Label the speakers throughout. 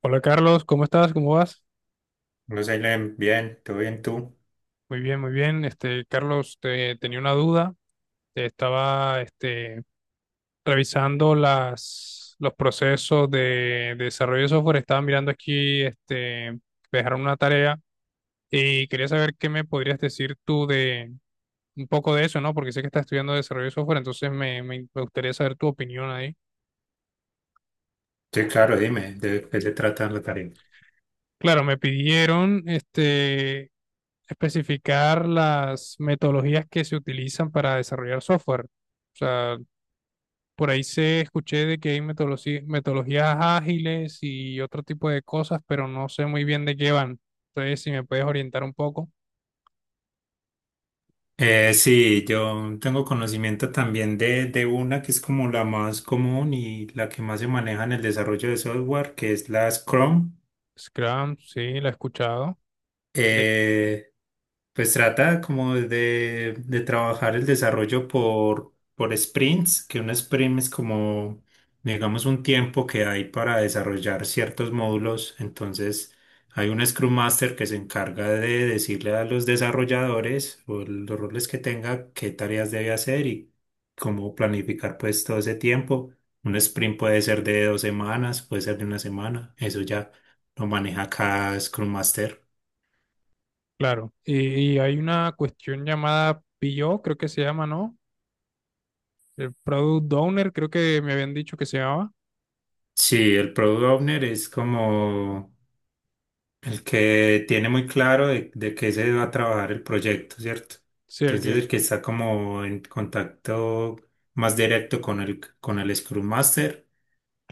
Speaker 1: Hola Carlos, ¿cómo estás? ¿Cómo vas?
Speaker 2: No sé, Len, bien, todo bien tú.
Speaker 1: Muy bien, muy bien. Carlos, tenía una duda. Te estaba revisando los procesos de desarrollo de software. Estaba mirando aquí, me dejaron una tarea y quería saber qué me podrías decir tú de un poco de eso, ¿no? Porque sé que estás estudiando desarrollo de software, entonces me gustaría saber tu opinión ahí.
Speaker 2: Sí, claro, dime, ¿de qué se trata la tarea?
Speaker 1: Claro, me pidieron especificar las metodologías que se utilizan para desarrollar software. O sea, por ahí se escuché de que hay metodologías ágiles y otro tipo de cosas, pero no sé muy bien de qué van. Entonces, si me puedes orientar un poco.
Speaker 2: Sí, yo tengo conocimiento también de una que es como la más común y la que más se maneja en el desarrollo de software, que es la Scrum.
Speaker 1: Scrum, sí, la he escuchado. De,
Speaker 2: Eh, pues trata como de trabajar el desarrollo por sprints, que un sprint es como, digamos, un tiempo que hay para desarrollar ciertos módulos. Entonces, hay un Scrum Master que se encarga de decirle a los desarrolladores o los roles que tenga qué tareas debe hacer y cómo planificar pues todo ese tiempo. Un sprint puede ser de dos semanas, puede ser de una semana. Eso ya lo maneja cada Scrum Master.
Speaker 1: claro. Y hay una cuestión llamada PO, creo que se llama, ¿no? El Product Owner, creo que me habían dicho que se llamaba.
Speaker 2: Sí, el Product Owner es como el que tiene muy claro de qué se va a trabajar el proyecto, ¿cierto?
Speaker 1: Sí, el
Speaker 2: Entonces
Speaker 1: que,
Speaker 2: el que está como en contacto más directo con con el Scrum Master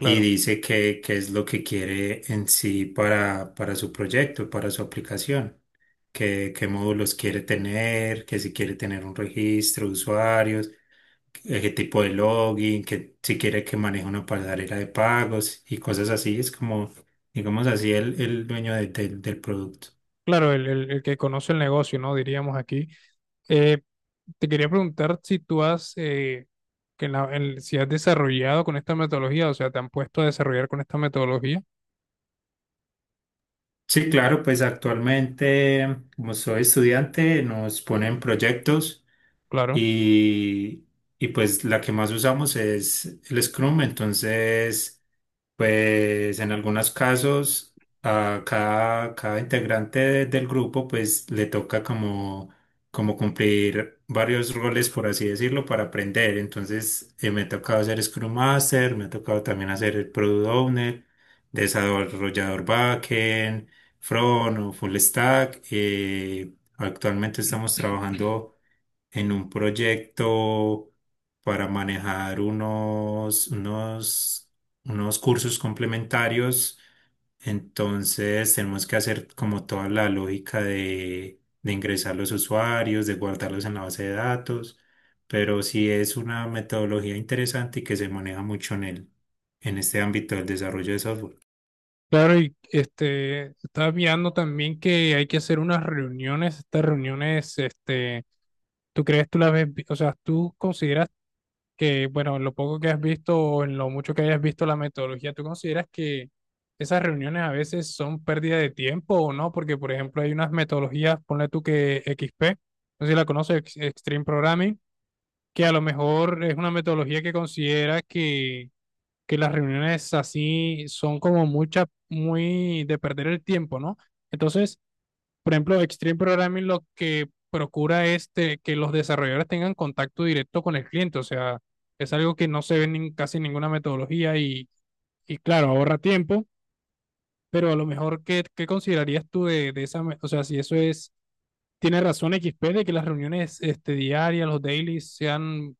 Speaker 2: y dice qué es lo que quiere en sí para su proyecto, para su aplicación, qué módulos quiere tener, que si quiere tener un registro de usuarios, qué tipo de login, que si quiere que maneje una pasarela de pagos y cosas así. Es como, digamos así, el dueño del del producto.
Speaker 1: Claro, el que conoce el negocio, ¿no? Diríamos aquí. Eh, te quería preguntar si tú has, que en si has desarrollado con esta metodología, o sea, te han puesto a desarrollar con esta metodología,
Speaker 2: Sí, claro, pues actualmente, como soy estudiante, nos ponen proyectos
Speaker 1: claro.
Speaker 2: y, y pues la que más usamos es el Scrum. Entonces, pues en algunos casos a cada integrante del grupo pues le toca como, como cumplir varios roles, por así decirlo, para aprender. Entonces, me ha tocado hacer Scrum Master, me ha tocado también hacer el Product Owner, desarrollador backend, front o full stack. Actualmente estamos trabajando en un proyecto para manejar unos cursos complementarios. Entonces tenemos que hacer como toda la lógica de ingresar los usuarios, de guardarlos en la base de datos, pero sí es una metodología interesante y que se maneja mucho en en este ámbito del desarrollo de software.
Speaker 1: Claro, y estaba mirando también que hay que hacer unas reuniones, estas reuniones, ¿tú crees, tú las ves, o sea, tú consideras que, bueno, en lo poco que has visto o en lo mucho que hayas visto la metodología, ¿tú consideras que esas reuniones a veces son pérdida de tiempo o no? Porque, por ejemplo, hay unas metodologías, ponle tú que XP, no sé si la conoces, Extreme Programming, que a lo mejor es una metodología que considera que las reuniones así son como mucha, muy de perder el tiempo, ¿no? Entonces, por ejemplo, Extreme Programming lo que procura es que los desarrolladores tengan contacto directo con el cliente, o sea, es algo que no se ve en casi ninguna metodología y claro, ahorra tiempo, pero a lo mejor, ¿qué, qué considerarías tú de esa, o sea, si eso es, tiene razón XP de que las reuniones diarias, los dailies, sean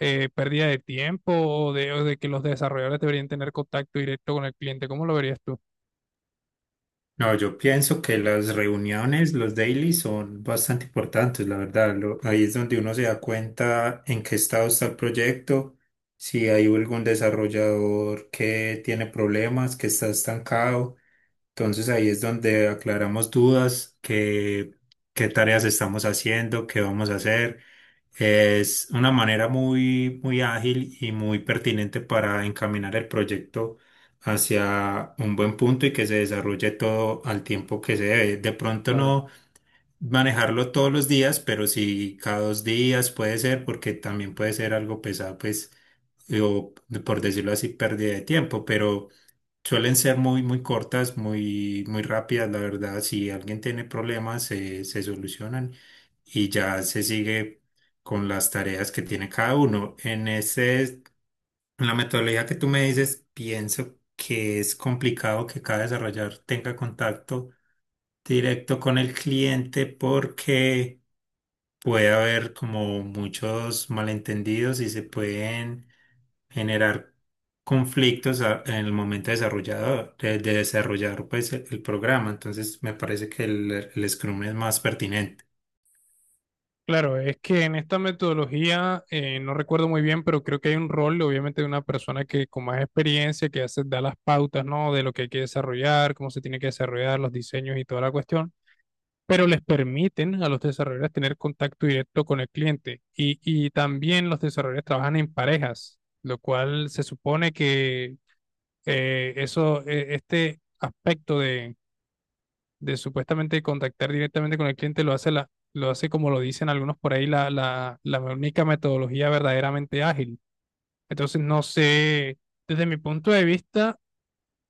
Speaker 1: pérdida de tiempo o de que los desarrolladores deberían tener contacto directo con el cliente, ¿cómo lo verías tú?
Speaker 2: No, yo pienso que las reuniones, los dailies son bastante importantes, la verdad. Ahí es donde uno se da cuenta en qué estado está el proyecto, si hay algún desarrollador que tiene problemas, que está estancado. Entonces ahí es donde aclaramos dudas, qué tareas estamos haciendo, qué vamos a hacer. Es una manera muy, muy ágil y muy pertinente para encaminar el proyecto hacia un buen punto y que se desarrolle todo al tiempo que se debe. De pronto
Speaker 1: Claro.
Speaker 2: no manejarlo todos los días, pero sí cada dos días puede ser, porque también puede ser algo pesado, pues, o por decirlo así, pérdida de tiempo, pero... Suelen ser muy, muy cortas, muy, muy rápidas, la verdad. Si alguien tiene problemas, se solucionan y ya se sigue con las tareas que tiene cada uno. En la metodología que tú me dices, pienso que es complicado que cada desarrollador tenga contacto directo con el cliente porque puede haber como muchos malentendidos y se pueden generar conflictos en el momento desarrollador, de desarrollar pues el programa. Entonces me parece que el Scrum es más pertinente.
Speaker 1: Claro, es que en esta metodología, no recuerdo muy bien, pero creo que hay un rol, obviamente, de una persona que con más experiencia, que hace, da las pautas, ¿no? De lo que hay que desarrollar, cómo se tiene que desarrollar, los diseños y toda la cuestión, pero les permiten a los desarrolladores tener contacto directo con el cliente. Y también los desarrolladores trabajan en parejas, lo cual se supone que eso, este aspecto de supuestamente contactar directamente con el cliente, lo hace lo hace como lo dicen algunos por ahí, la única metodología verdaderamente ágil. Entonces, no sé, desde mi punto de vista,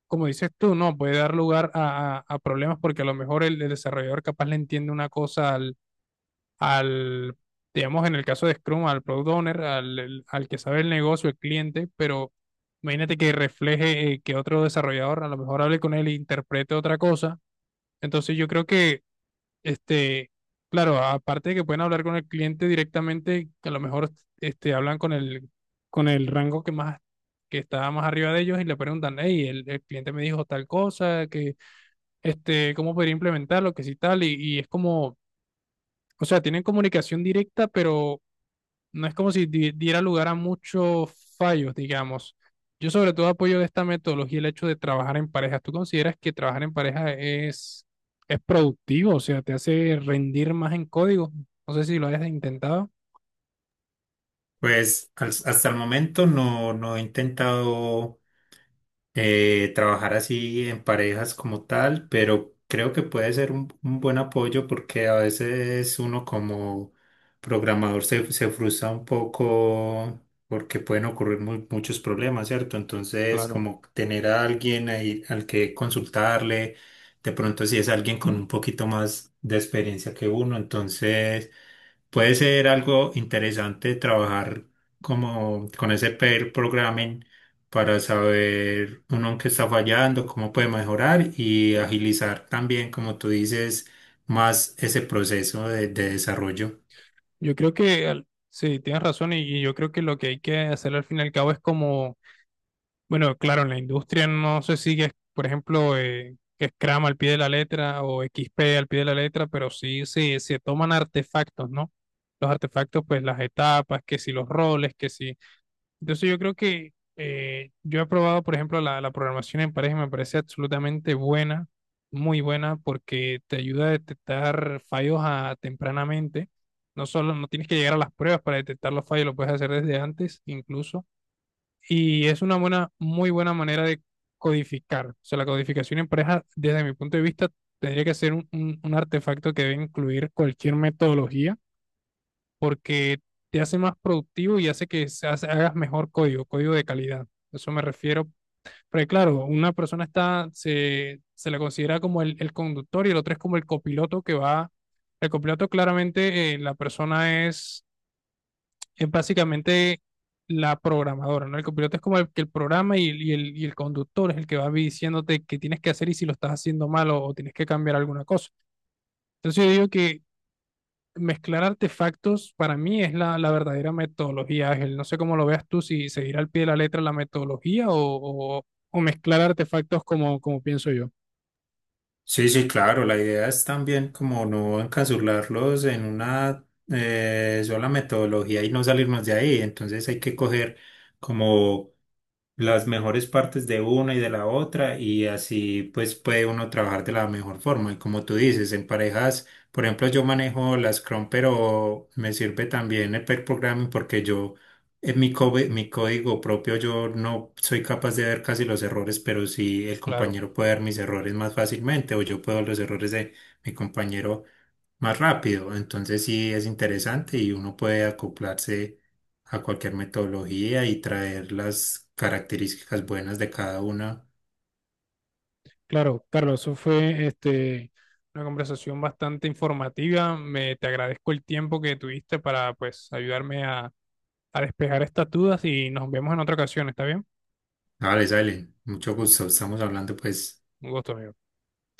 Speaker 1: como dices tú, no, puede dar lugar a, a problemas porque a lo mejor el desarrollador capaz le entiende una cosa al, al, digamos, en el caso de Scrum, al product owner, al que sabe el negocio, el cliente, pero imagínate que refleje que otro desarrollador a lo mejor hable con él e interprete otra cosa. Entonces yo creo que este, claro, aparte de que pueden hablar con el cliente directamente, que a lo mejor hablan con el rango que más, que está más arriba de ellos y le preguntan, hey, el cliente me dijo tal cosa, que, cómo podría implementarlo, que si tal, y es como, o sea, tienen comunicación directa, pero no es como si diera lugar a muchos fallos, digamos. Yo sobre todo apoyo de esta metodología el hecho de trabajar en parejas. ¿Tú consideras que trabajar en pareja es productivo? O sea, te hace rendir más en código. No sé si lo hayas intentado.
Speaker 2: Hasta el momento no he intentado trabajar así en parejas como tal, pero creo que puede ser un buen apoyo porque a veces uno como programador se frustra un poco porque pueden ocurrir muchos problemas, ¿cierto? Entonces,
Speaker 1: Claro.
Speaker 2: como tener a alguien ahí al que consultarle, de pronto si es alguien con un poquito más de experiencia que uno, entonces... Puede ser algo interesante trabajar como con ese pair programming para saber uno en qué está fallando, cómo puede mejorar y agilizar también, como tú dices, más ese proceso de desarrollo.
Speaker 1: Yo creo que al- sí, tienes razón y yo creo que lo que hay que hacer al fin y al cabo es como bueno, claro, en la industria no se sigue, por ejemplo, Scrum al pie de la letra o X P al pie de la letra, pero sí, sí se toman artefactos, ¿no? Los artefactos, pues las etapas, que si los roles, que si. Entonces yo creo que yo he probado, por ejemplo, la programación en pareja y me parece absolutamente buena, muy buena, porque te ayuda a detectar fallos tempranamente. No solo no tienes que llegar a las pruebas para detectar los fallos, lo puedes hacer desde antes incluso y es una buena, muy buena manera de codificar. O sea, la codificación en pareja, desde mi punto de vista, tendría que ser un artefacto que debe incluir cualquier metodología porque te hace más productivo y hace que hagas mejor código, código de calidad. Eso me refiero. Porque claro, una persona está, se la considera como el conductor y el otro es como el copiloto que va. El copiloto claramente, la persona es básicamente la programadora, ¿no? El copiloto es como el que el programa y, y el conductor es el que va diciéndote qué tienes que hacer y si lo estás haciendo mal o tienes que cambiar alguna cosa. Entonces yo digo que mezclar artefactos para mí es la, la verdadera metodología, Ángel. No sé cómo lo veas tú, si seguir al pie de la letra la metodología o, o mezclar artefactos como, como pienso yo.
Speaker 2: Sí, sí, claro, la idea es también como no encasurlarlos en una sola metodología y no salirnos de ahí. Entonces hay que coger como las mejores partes de una y de la otra y así pues puede uno trabajar de la mejor forma. Y como tú dices, en parejas, por ejemplo, yo manejo la Scrum, pero me sirve también el pair programming porque yo en mi código propio yo no soy capaz de ver casi los errores, pero sí el
Speaker 1: Claro,
Speaker 2: compañero puede ver mis errores más fácilmente o yo puedo ver los errores de mi compañero más rápido. Entonces sí es interesante y uno puede acoplarse a cualquier metodología y traer las características buenas de cada una.
Speaker 1: claro, Carlos, eso fue una conversación bastante informativa. Te agradezco el tiempo que tuviste para pues ayudarme a despejar estas dudas y nos vemos en otra ocasión, ¿está bien?
Speaker 2: Vale, salen. Mucho gusto. Estamos hablando pues.
Speaker 1: Un gusto, amigo.